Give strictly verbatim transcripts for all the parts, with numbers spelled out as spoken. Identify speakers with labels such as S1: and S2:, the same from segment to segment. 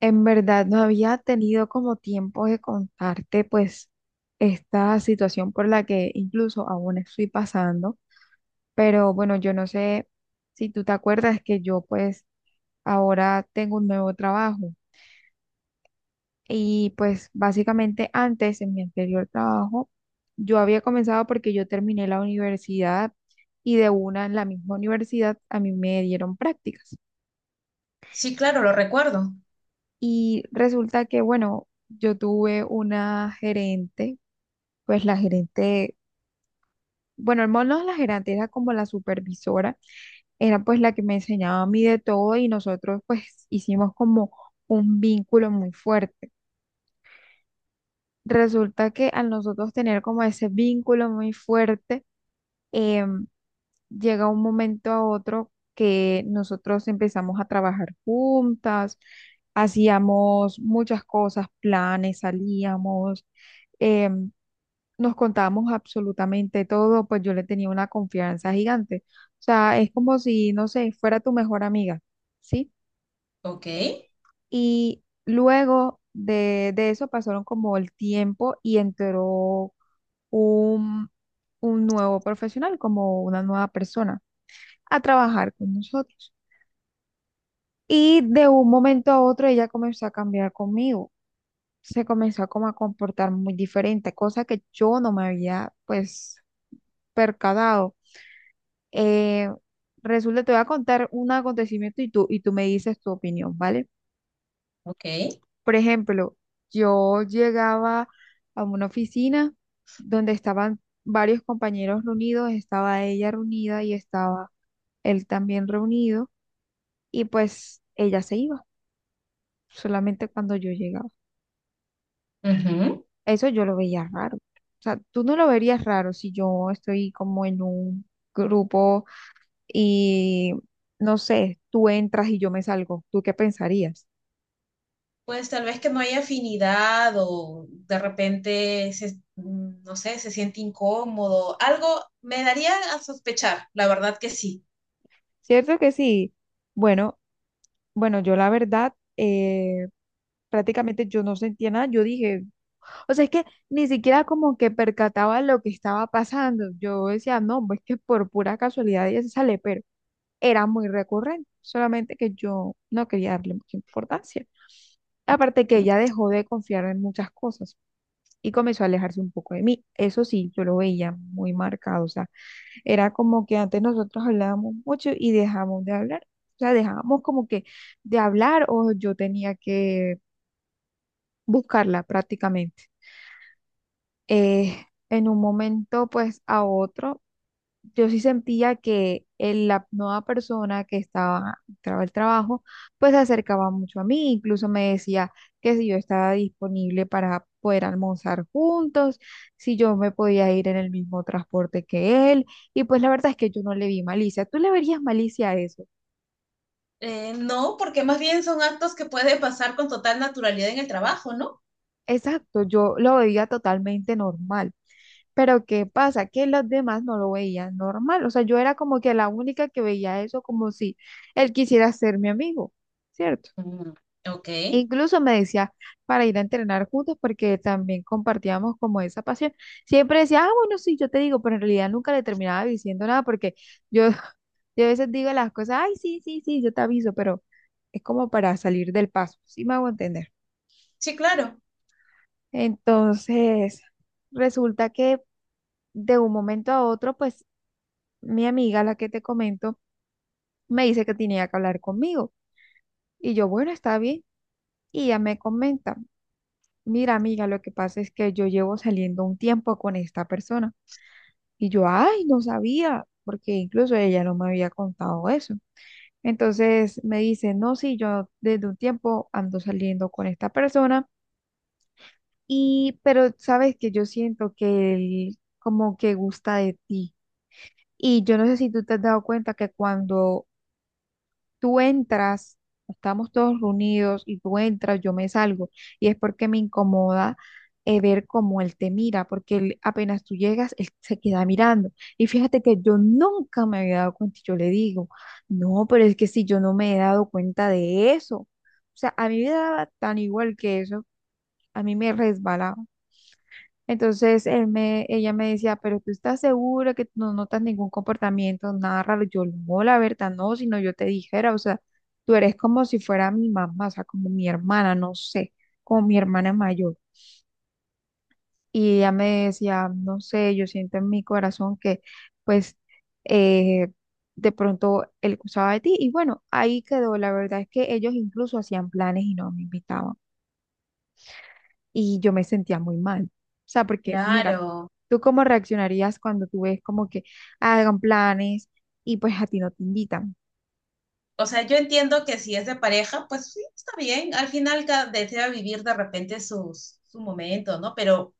S1: En verdad, no había tenido como tiempo de contarte pues esta situación por la que incluso aún estoy pasando, pero bueno, yo no sé si tú te acuerdas que yo pues ahora tengo un nuevo trabajo y pues básicamente antes en mi anterior trabajo yo había comenzado porque yo terminé la universidad y de una en la misma universidad a mí me dieron prácticas
S2: Sí, claro, lo recuerdo.
S1: y resulta que bueno, yo tuve una gerente pues la gerente, bueno, no no la gerente, era como la supervisora, era pues la que me enseñaba a mí de todo y nosotros pues hicimos como un vínculo muy fuerte. Resulta que al nosotros tener como ese vínculo muy fuerte, em, llega un momento a otro que nosotros empezamos a trabajar juntas, hacíamos muchas cosas, planes, salíamos. em, Nos contábamos absolutamente todo, pues yo le tenía una confianza gigante. O sea, es como si, no sé, fuera tu mejor amiga, ¿sí?
S2: Ok,
S1: Y luego de, de eso pasaron como el tiempo y entró un, un nuevo profesional, como una nueva persona, a trabajar con nosotros. Y de un momento a otro ella comenzó a cambiar conmigo. Se comenzó como a comportar muy diferente, cosa que yo no me había pues percatado. Eh, Resulta, te voy a contar un acontecimiento y tú, y tú me dices tu opinión, ¿vale?
S2: ok.
S1: Por ejemplo, yo llegaba a una oficina donde estaban varios compañeros reunidos, estaba ella reunida y estaba él también reunido, y pues ella se iba solamente cuando yo llegaba.
S2: Ujú.
S1: Eso yo lo veía raro. O sea, tú no lo verías raro si yo estoy como en un grupo y, no sé, tú entras y yo me salgo. ¿Tú qué pensarías?
S2: Pues tal vez que no hay afinidad o de repente, se- mm, no sé, se siente incómodo. Algo me daría a sospechar, la verdad que sí.
S1: ¿Cierto que sí? Bueno, bueno, yo la verdad, eh, prácticamente yo no sentía nada, yo dije, o sea, es que ni siquiera como que percataba lo que estaba pasando, yo decía, no, pues que por pura casualidad ella se sale, pero era muy recurrente, solamente que yo no quería darle mucha importancia. Aparte que
S2: ¿Mm?
S1: ella dejó de confiar en muchas cosas y comenzó a alejarse un poco de mí, eso sí, yo lo veía muy marcado, o sea, era como que antes nosotros hablábamos mucho y dejamos de hablar. O sea, dejábamos como que de hablar o yo tenía que buscarla prácticamente. Eh, en un momento, pues a otro yo sí sentía que el- la nueva persona que estaba, entraba el trabajo, pues se acercaba mucho a mí, incluso me decía que si yo estaba disponible para poder almorzar juntos, si yo me podía ir en el mismo transporte que él, y pues la verdad es que yo no le vi malicia. ¿Tú le verías malicia a eso?
S2: Eh, no, porque más bien son actos que puede pasar con total naturalidad en el trabajo, ¿no?
S1: Exacto, yo lo veía totalmente normal. Pero ¿qué pasa? Que los demás no lo veían normal. O sea, yo era como que la única que veía eso como si él quisiera ser mi amigo, ¿cierto?
S2: Mm, ok,
S1: Incluso me decía para ir a entrenar juntos porque también compartíamos como esa pasión. Siempre decía, ah, bueno, sí, yo te digo, pero en realidad nunca le terminaba diciendo nada porque yo, yo a veces digo las cosas, ay, sí, sí, sí, yo te aviso, pero es como para salir del paso, ¿sí me hago entender?
S2: sí, claro,
S1: Entonces, resulta que de un momento a otro, pues mi amiga, la que te comento, me dice que tenía que hablar conmigo y yo, bueno, está bien, y ella me comenta. Mira, amiga, lo que pasa es que yo llevo saliendo un tiempo con esta persona y yo, ay, no sabía, porque incluso ella no me había contado eso. Entonces me dice, no, sí, yo desde un tiempo ando saliendo con esta persona y, pero sabes que yo siento que él como que gusta de ti. Y yo no sé si tú te has dado cuenta que cuando tú entras, estamos todos reunidos y tú entras, yo me salgo. Y es porque me incomoda eh, ver cómo él te mira, porque él, apenas tú llegas, él se queda mirando. Y fíjate que yo nunca me había dado cuenta, y yo le digo, no, pero es que si yo no me he dado cuenta de eso, o sea, a mí me daba tan igual que eso, a mí me resbalaba. Entonces él me, ella me decía, pero tú estás segura que no notas ningún comportamiento, nada raro. Yo no, la verdad, no, sino yo te dijera, o sea, tú eres como si fuera mi mamá, o sea, como mi hermana, no sé, como mi hermana mayor. Y ella me decía, no sé, yo siento en mi corazón que, pues, eh, de pronto él usaba de ti. Y bueno, ahí quedó. La verdad es que ellos incluso hacían planes y no me invitaban. Y yo me sentía muy mal. O sea, porque mira,
S2: claro.
S1: ¿tú cómo reaccionarías cuando tú ves como que hagan planes y pues a ti no te invitan?
S2: O sea, yo entiendo que si es de pareja, pues sí, está bien. Al final cada desea vivir de repente sus, su momento, ¿no? Pero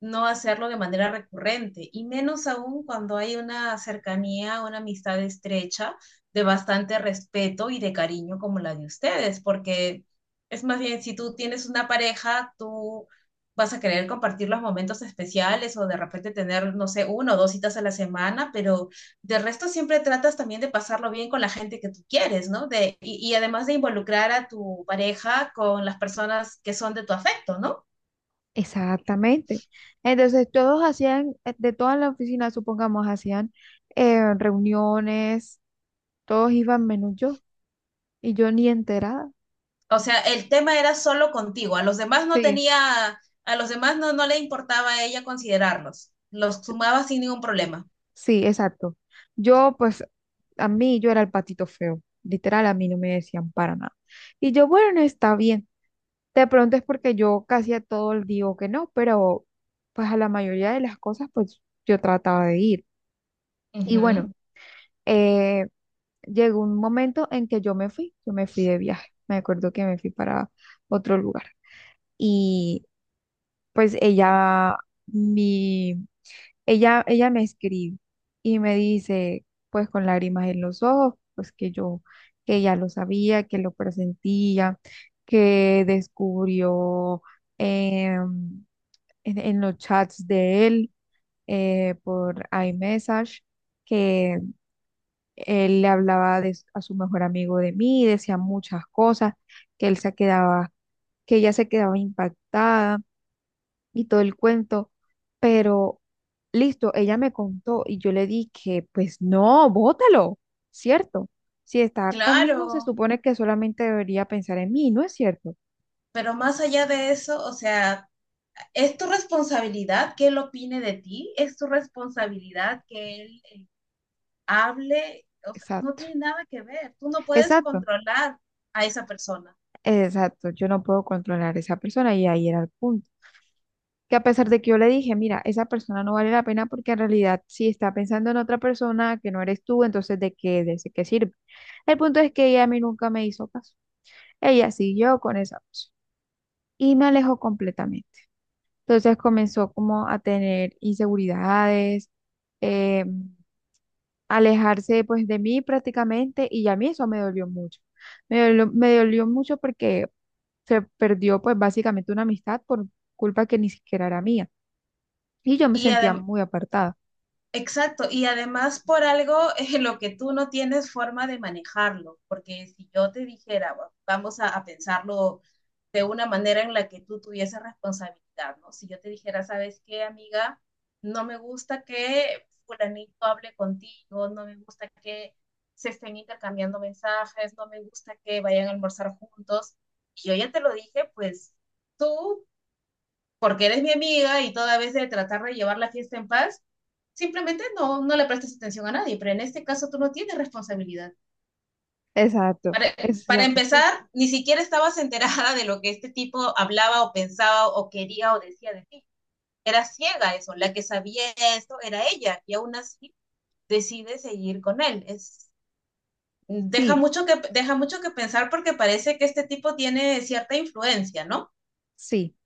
S2: no hacerlo de manera recurrente. Y menos aún cuando hay una cercanía, una amistad estrecha, de bastante respeto y de cariño como la de ustedes. Porque es más bien, si tú tienes una pareja, tú vas a querer compartir los momentos especiales o de repente tener, no sé, uno o dos citas a la semana, pero de resto siempre tratas también de pasarlo bien con la gente que tú quieres, ¿no? De, y, y además de involucrar a tu pareja con las personas que son de tu afecto, ¿no?
S1: Exactamente. Entonces, todos hacían, eh, de toda la oficina, supongamos, hacían eh, reuniones, todos iban menos yo y yo ni enterada.
S2: O sea, el tema era solo contigo, a los demás no
S1: Sí,
S2: tenía, a los demás no, no le importaba a ella considerarlos, los sumaba sin ningún problema.
S1: sí, exacto. Yo pues a mí yo era el patito feo, literal, a mí no me decían para nada. Y yo, bueno, está bien. De pronto es porque yo casi a todo el digo que no, pero pues a la mayoría de las cosas pues yo trataba de ir. Y
S2: Ujú.
S1: bueno, eh, llegó un momento en que yo me fui, yo me fui de viaje. Me acuerdo que me fui para otro lugar. Y pues ella, mi, ella, ella me escribe y me dice, pues con lágrimas en los ojos, pues que yo, que ya lo sabía, que lo presentía, que descubrió. em, en, en los chats de él eh, por iMessage, que él le hablaba de s- a su mejor amigo de mí, decía muchas cosas, que él se quedaba, que ella se quedaba impactada y todo el cuento, pero listo, ella me contó y yo le dije, pues no, bótalo, ¿cierto? Si está conmigo, se
S2: Claro,
S1: supone que solamente debería pensar en mí, ¿no es cierto?
S2: pero más allá de eso, o sea, es tu responsabilidad que él opine de ti, es tu responsabilidad que él hable, o sea, no
S1: Exacto,
S2: tiene nada que ver. Tú no puedes
S1: exacto,
S2: controlar a esa persona.
S1: exacto. Yo no puedo controlar a esa persona y ahí era el punto. Que a pesar de que yo le dije, mira, esa persona no vale la pena porque en realidad si está pensando en otra persona que no eres tú, entonces ¿de qué, de qué sirve? El punto es que ella a mí nunca me hizo caso. Ella siguió con esa opción y me alejó completamente. Entonces comenzó como a tener inseguridades, eh, alejarse pues de mí prácticamente y a mí eso me dolió mucho. Me dolió, me dolió mucho porque se perdió pues básicamente una amistad por culpa que ni siquiera era mía y yo me
S2: Y
S1: sentía
S2: además,
S1: muy apartada.
S2: exacto, y además por algo eh, lo que tú no tienes forma de manejarlo, porque si yo te dijera, "Va- vamos a, a pensarlo de una manera en la que tú tuvieses responsabilidad, ¿no? Si yo te dijera, ¿sabes qué, amiga? No me gusta que fulanito hable contigo, no me gusta que se estén intercambiando mensajes, no me gusta que vayan a almorzar juntos. Y yo ya te lo dije, pues tú, porque eres mi amiga y toda vez de tratar de llevar la fiesta en paz, simplemente no, no le prestas atención a nadie, pero en este caso tú no tienes responsabilidad.
S1: Exacto,
S2: Para,
S1: esa es
S2: para
S1: la cuestión.
S2: empezar, ni siquiera estabas enterada de lo que este tipo hablaba o pensaba o quería o decía de ti. Era ciega eso, la que sabía esto era ella y aún así decide seguir con él. Es, deja,
S1: Sí,
S2: mucho que, deja mucho que pensar porque parece que este tipo tiene cierta influencia, ¿no?
S1: sí,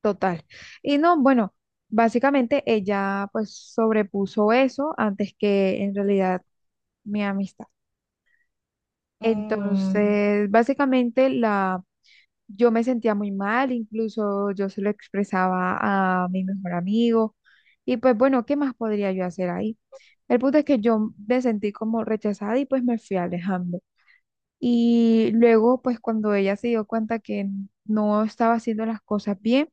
S1: total. Y no, bueno, básicamente ella pues sobrepuso eso antes que en realidad mi amistad.
S2: Mm,
S1: Entonces, básicamente la yo me sentía muy mal, incluso yo se lo expresaba a mi mejor amigo y pues bueno, ¿qué más podría yo hacer ahí? El punto es que yo me sentí como rechazada y pues me fui alejando. Y luego, pues cuando ella se dio cuenta que no estaba haciendo las cosas bien,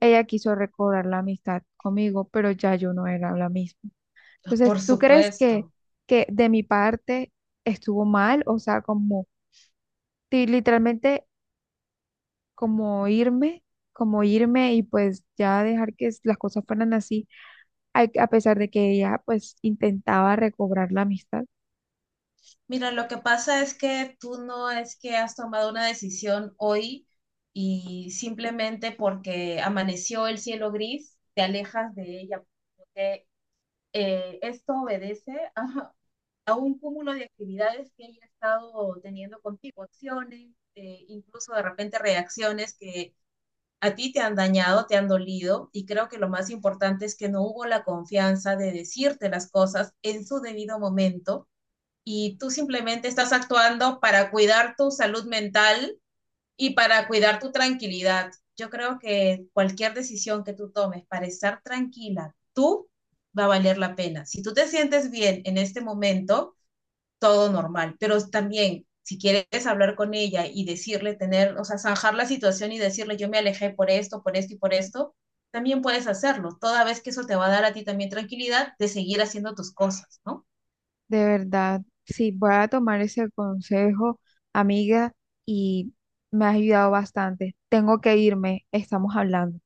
S1: ella quiso recobrar la amistad conmigo, pero ya yo no era la misma. Entonces,
S2: por
S1: ¿tú crees que,
S2: supuesto.
S1: que de mi parte estuvo mal? O sea, como ti- literalmente como irme, como irme y pues ya dejar que las cosas fueran así, a, a pesar de que ella pues intentaba recobrar la amistad.
S2: Mira, lo que pasa es que tú no es que has tomado una decisión hoy y simplemente porque amaneció el cielo gris, te alejas de ella. Porque, eh, esto obedece a, a un cúmulo de actividades que ella ha estado teniendo contigo, acciones, eh, incluso de repente reacciones que a ti te han dañado, te han dolido, y creo que lo más importante es que no hubo la confianza de decirte las cosas en su debido momento y tú simplemente estás actuando para cuidar tu salud mental y para cuidar tu tranquilidad. Yo creo que cualquier decisión que tú tomes para estar tranquila, tú va a valer la pena. Si tú te sientes bien en este momento, todo normal, pero también si quieres hablar con ella y decirle, tener, o sea, zanjar la situación y decirle, yo me alejé por esto, por esto y por esto, también puedes hacerlo, toda vez que eso te va a dar a ti también tranquilidad de seguir haciendo tus cosas, ¿no?
S1: De verdad, sí, voy a tomar ese consejo, amiga, y me has ayudado bastante. Tengo que irme, estamos hablando.